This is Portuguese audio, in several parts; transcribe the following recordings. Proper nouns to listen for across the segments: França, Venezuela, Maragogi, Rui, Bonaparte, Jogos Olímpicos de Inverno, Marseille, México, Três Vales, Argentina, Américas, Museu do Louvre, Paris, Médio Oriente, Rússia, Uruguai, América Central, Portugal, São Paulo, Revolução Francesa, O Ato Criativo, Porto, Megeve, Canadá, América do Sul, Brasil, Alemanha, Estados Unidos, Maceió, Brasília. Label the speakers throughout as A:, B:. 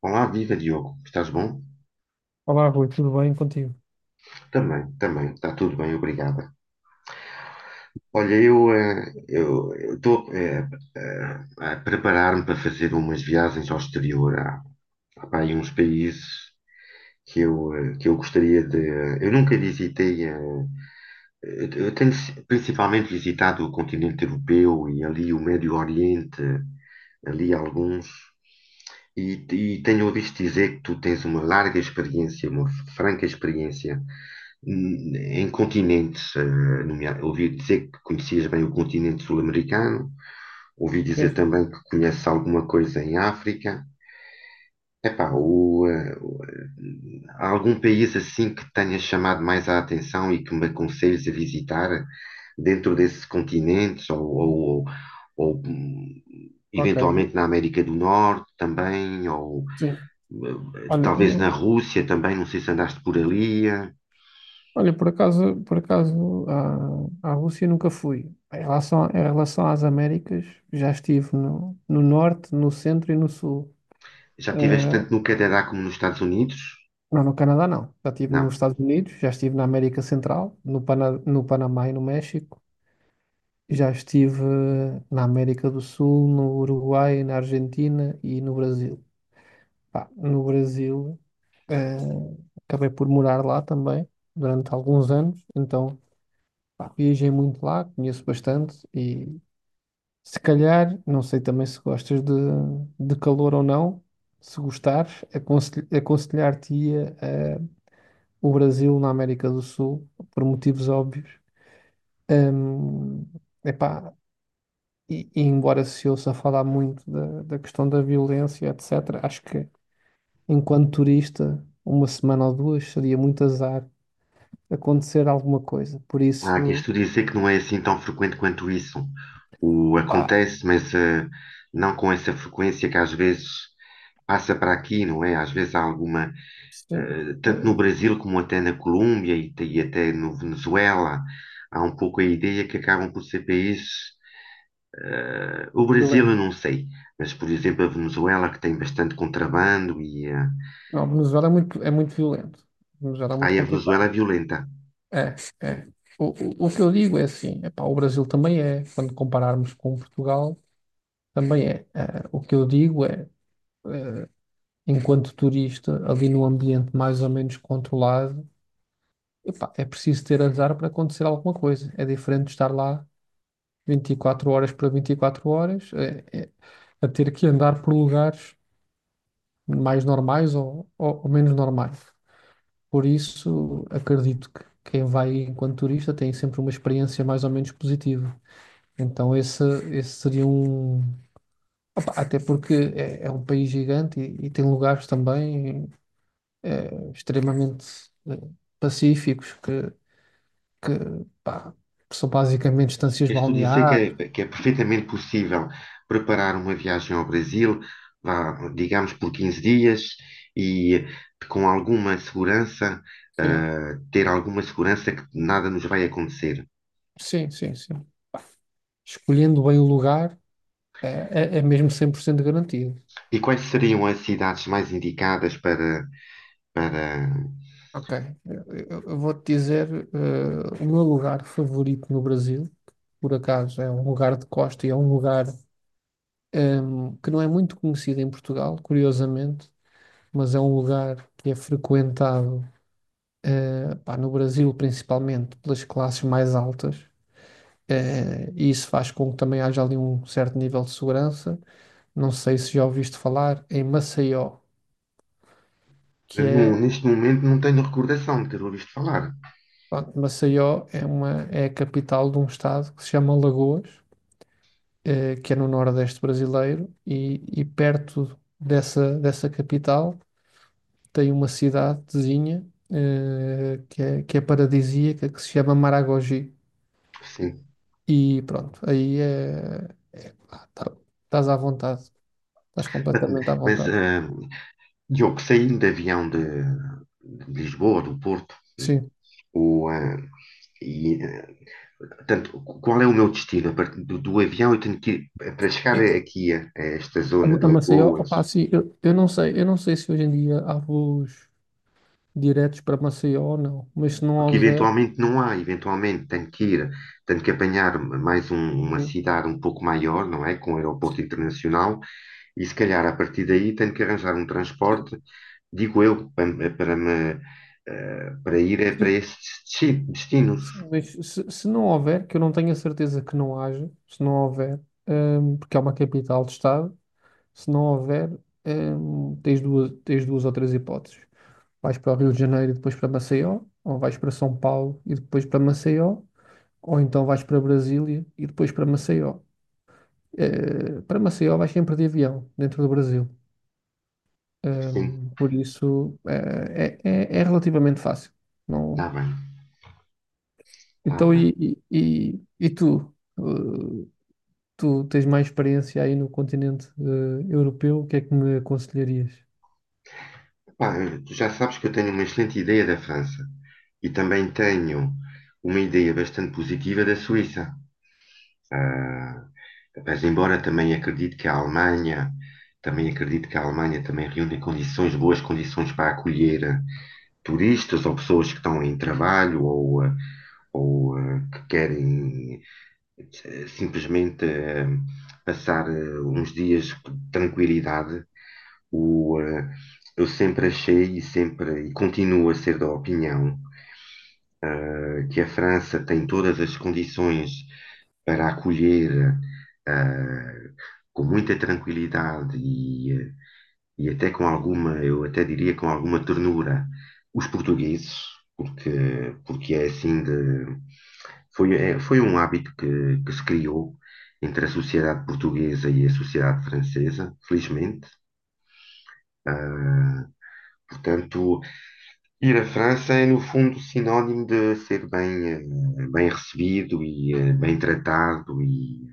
A: Olá, viva Diogo, estás bom?
B: Olá, Rui, tudo bem contigo?
A: Também, também, está tudo bem, obrigada. Olha, eu estou a preparar-me para fazer umas viagens ao exterior, há pá, aí uns países que que eu gostaria de. Eu nunca visitei, eu tenho si, principalmente visitado o continente europeu e ali o Médio Oriente, ali alguns. E tenho ouvido dizer que tu tens uma larga experiência, uma franca experiência em continentes. Ouvi dizer que conhecias bem o continente sul-americano, ouvi dizer também que conheces alguma coisa em África. Epá, há algum país assim que tenha chamado mais a atenção e que me aconselhes a visitar dentro desses continentes ou
B: Ok,
A: eventualmente na América do Norte também ou
B: sim. Olha,
A: talvez
B: eh,
A: na Rússia também, não sei se andaste por ali. Eh.
B: por acaso à Rússia nunca fui. Em relação às Américas, já estive no norte, no centro e no sul.
A: Já estiveste
B: Eh,
A: tanto no Canadá como nos Estados Unidos?
B: não, no Canadá não. Já estive nos
A: Não.
B: Estados Unidos, já estive na América Central, no Panamá e no México. Já estive na América do Sul, no Uruguai, na Argentina e no Brasil. Pá, no Brasil, eh, acabei por morar lá também durante alguns anos, então pá, viajei muito lá, conheço bastante e se calhar, não sei também se gostas de calor ou não, se gostares, aconselhar-te-ia o Brasil na América do Sul, por motivos óbvios. Hum, Epá, e embora se ouça falar muito da questão da violência, etc., acho que enquanto turista, uma semana ou duas seria muito azar acontecer alguma coisa. Por
A: Há quem
B: isso,
A: estude dizer que não é assim tão frequente quanto isso. O
B: pá,
A: acontece, mas não com essa frequência que às vezes passa para aqui, não é? Às vezes há alguma,
B: sim, é
A: tanto no Brasil como até na Colômbia e até no Venezuela, há um pouco a ideia que acabam por ser países. O Brasil eu
B: violento.
A: não sei, mas por exemplo a Venezuela que tem bastante contrabando e
B: Não, Venezuela é muito violento. Venezuela é muito
A: aí a Venezuela é
B: complicado.
A: violenta.
B: É, é. O, o que eu digo é assim, epá, o Brasil também é, quando compararmos com Portugal, também é. Eh, o que eu digo é, eh, enquanto turista, ali num ambiente mais ou menos controlado, epá, é preciso ter azar para acontecer alguma coisa. É diferente de estar lá 24 horas para 24 horas, a ter que andar por lugares mais normais ou menos normais. Por isso, acredito que quem vai enquanto turista tem sempre uma experiência mais ou menos positiva. Então, esse seria um. Opa, até porque é um país gigante e tem lugares também extremamente eh, pacíficos que, pá, que são basicamente estâncias
A: Queres tu dizer que
B: balneares.
A: que é perfeitamente possível preparar uma viagem ao Brasil, vá, digamos, por 15 dias e com alguma segurança,
B: Sim,
A: ah, ter alguma segurança que nada nos vai acontecer?
B: sim, sim, sim. Escolhendo bem o lugar. É mesmo 100% garantido.
A: E quais seriam as cidades mais indicadas para, para...
B: Ok. Eu, eu vou-te dizer, o meu lugar favorito no Brasil, que por acaso é um lugar de costa e é um lugar, que não é muito conhecido em Portugal, curiosamente, mas é um lugar que é frequentado, pá, no Brasil principalmente pelas classes mais altas. Eh, e isso faz com que também haja ali um certo nível de segurança. Não sei se já ouviste falar em Maceió, que
A: Eu não-
B: é
A: Neste momento não tenho recordação de ter ouvido falar.
B: Pronto, Maceió é a capital de um estado que se chama Alagoas, que é no nordeste brasileiro, e perto dessa capital tem uma cidadezinha, que é paradisíaca, que se chama Maragogi.
A: Sim.
B: E pronto, aí ah, tá- estás à vontade, estás completamente à
A: Mas,
B: vontade.
A: ah, Diogo, saindo de avião de Lisboa, do Porto,
B: Sim.
A: o, ah, e portanto, qual é o meu destino? A partir do avião, eu tenho que ir para chegar
B: E
A: aqui a esta
B: A
A: zona de
B: a Maceió,
A: Lagoas,
B: opá, sim, eu não sei se hoje em dia há voos diretos para Maceió ou não, mas se não
A: porque
B: houver,
A: eventualmente não há, eventualmente tenho que ir, tenho que apanhar uma
B: sim.
A: cidade um pouco maior, não é? Com um aeroporto internacional, e se calhar a partir daí tenho que arranjar um
B: Sim.
A: transporte, digo eu, para, me, para para
B: Sim,
A: esses destinos.
B: sim, mas se não houver, que eu não tenho a certeza que não haja, se não houver, porque é uma capital de Estado, se não houver, tens duas ou três hipóteses. Vais para o Rio de Janeiro e depois para Maceió, ou vais para São Paulo e depois para Maceió, ou então vais para Brasília e depois para Maceió. Eh, para Maceió vais sempre de avião, dentro do Brasil.
A: Sim,
B: Por isso, é relativamente fácil.
A: está
B: Não.
A: bem, está
B: Então,
A: bem.
B: e tu? Eh, Tu tens mais experiência aí no continente europeu, o que é que me aconselharias?
A: Tu já sabes que eu tenho uma excelente ideia da França e também tenho uma ideia bastante positiva da Suíça. Ah, mas embora também acredite que a Alemanha, também acredito que a Alemanha também reúne condições, boas condições para acolher turistas ou pessoas que estão em trabalho ou que querem simplesmente ah, passar uns dias de tranquilidade. O, eh, eu sempre achei e sempre e continuo a ser da opinião que a França tem todas as condições para acolher eh, com muita tranquilidade e até com alguma, eu até diria com alguma ternura, os portugueses, porque, porque é assim de. Foi um hábito que se criou entre a sociedade portuguesa e a sociedade francesa, felizmente. Ah, portanto, ir à França é, no fundo, sinónimo de ser bem, bem recebido e bem tratado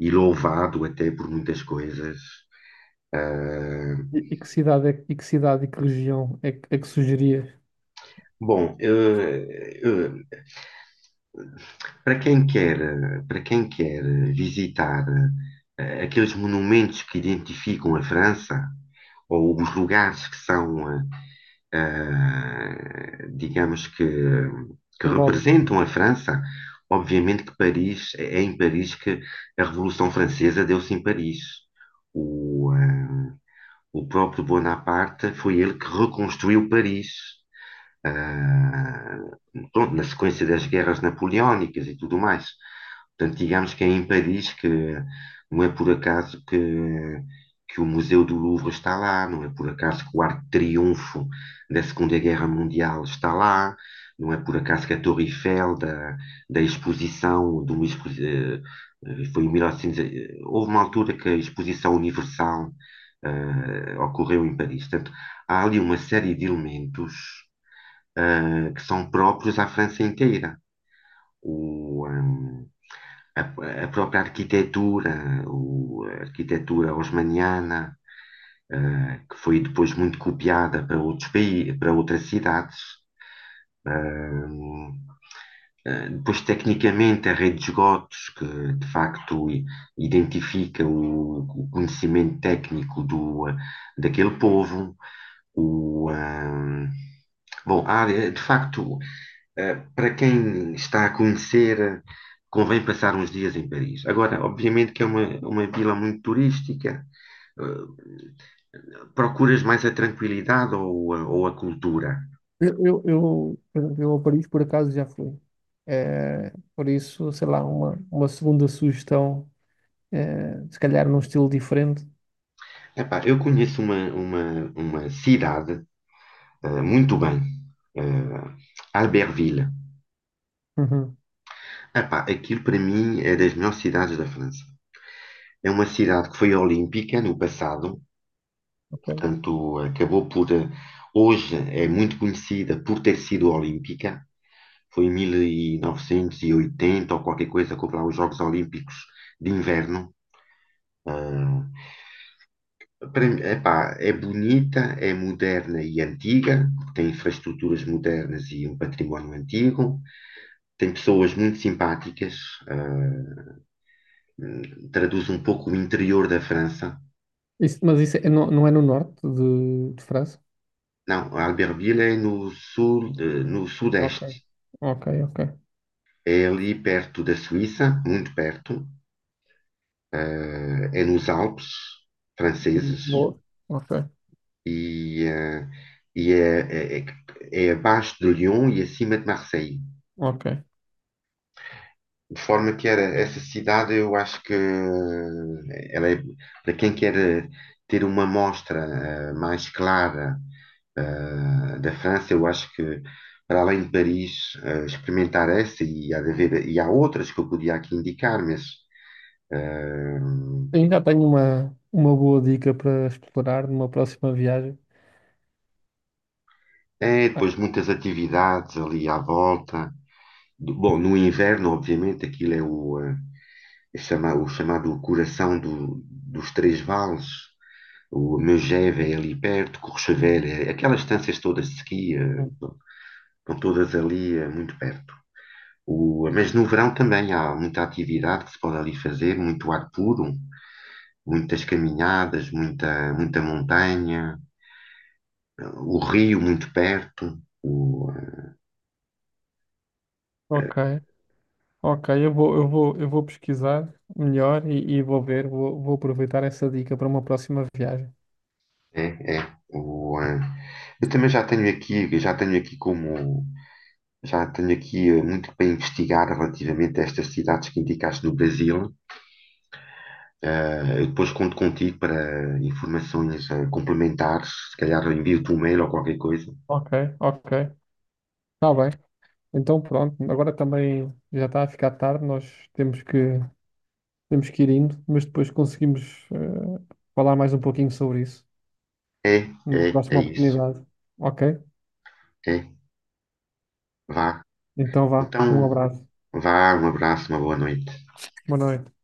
A: e louvado até por muitas coisas. Ah,
B: E que cidade e que região é que sugerias?
A: bom, para quem quer, eh, para quem quer visitar aqueles monumentos que identificam a França, ou os lugares que são ah, digamos que
B: Simbólico.
A: representam a França. Obviamente que Paris, é em Paris que a Revolução Francesa deu-se em Paris. O, ah, o próprio Bonaparte foi ele que reconstruiu Paris, ah, pronto, na sequência das guerras napoleónicas e tudo mais. Portanto, digamos que é em Paris que não é por acaso que o Museu do Louvre está lá, não é por acaso que o Arco de Triunfo da Segunda Guerra Mundial está lá, não é por acaso que a Torre Eiffel da exposição do Luís, eh, foi em 1900, eh, houve uma altura que a exposição universal ocorreu em Paris. Portanto, há ali uma série de elementos que são próprios à França inteira. O, ehm, a própria arquitetura, o, a arquitetura osmaniana, que foi depois muito copiada para outros países, para outras cidades. Hum, Depois, tecnicamente, a rede de esgotos, que de facto identifica o conhecimento técnico do, daquele povo. O, hum, Bom, a área, de facto, para quem está a conhecer, convém passar uns dias em Paris. Agora, obviamente que é uma vila muito turística. eh, Procuras mais a tranquilidade ou a cultura?
B: Eu, por exemplo, eu a Paris por acaso já fui. Por isso, sei lá, uma segunda sugestão, se calhar num estilo diferente.
A: Epá, eu conheço uma cidade, muito bem, eh, Albertville.
B: Uhum,
A: Epá, aquilo para mim é das melhores cidades da França. É uma cidade que foi olímpica no passado.
B: ok.
A: Portanto, acabou por. Hoje é muito conhecida por ter sido olímpica. Foi em 1980 ou qualquer coisa, que houve lá os Jogos Olímpicos de Inverno. Ah, para mim, epá, é bonita, é moderna e antiga, tem infraestruturas modernas e um património antigo, tem pessoas muito simpáticas, ah, traduz um pouco o interior da França.
B: Mas não, não é no norte de França?
A: Não, Albertville é no sul, no
B: Ok,
A: sudeste.
B: ok, ok.
A: É ali perto da Suíça, muito perto. É nos Alpes franceses
B: Boa. Ok,
A: e, eh, e é abaixo de Lyon e acima de Marseille.
B: ok.
A: De forma que era essa cidade, eu acho que ela é, para quem quer ter uma mostra mais clara da França, eu acho que para além de Paris, experimentar essa e há de haver, e há outras que eu podia aqui indicar, mas eh,
B: Sim, já tenho uma boa dica para explorar numa próxima viagem.
A: é depois
B: Ah,
A: muitas atividades ali à volta. Bom, no inverno, obviamente, aquilo é o chamado Coração dos Três Vales, o Megeve é ali perto, Courchevel, é- aquelas estâncias todas de esqui,
B: sim.
A: estão todas ali muito perto. Mas no verão também há muita atividade que se pode ali fazer, muito ar puro, muitas caminhadas, muita montanha, o rio muito perto. O,
B: Ok, ok, eu vou pesquisar melhor e vou ver, vou aproveitar essa dica para uma próxima viagem.
A: eh, é, é, o, eh, Eu também já tenho aqui como já tenho aqui muito para investigar relativamente a estas cidades que indicaste no Brasil. Eh, eu depois conto contigo para informações complementares. Se calhar eu envio-te um mail ou qualquer coisa.
B: Ok, ok, está bem. Então pronto, agora também já está a ficar tarde, nós temos que, ir indo, mas depois conseguimos falar mais um pouquinho sobre isso.
A: É,
B: Numa
A: é, É
B: próxima
A: isso.
B: oportunidade. Ok?
A: É, vá.
B: Então vá, um
A: Então,
B: abraço,
A: vá, um abraço, uma boa noite.
B: boa noite.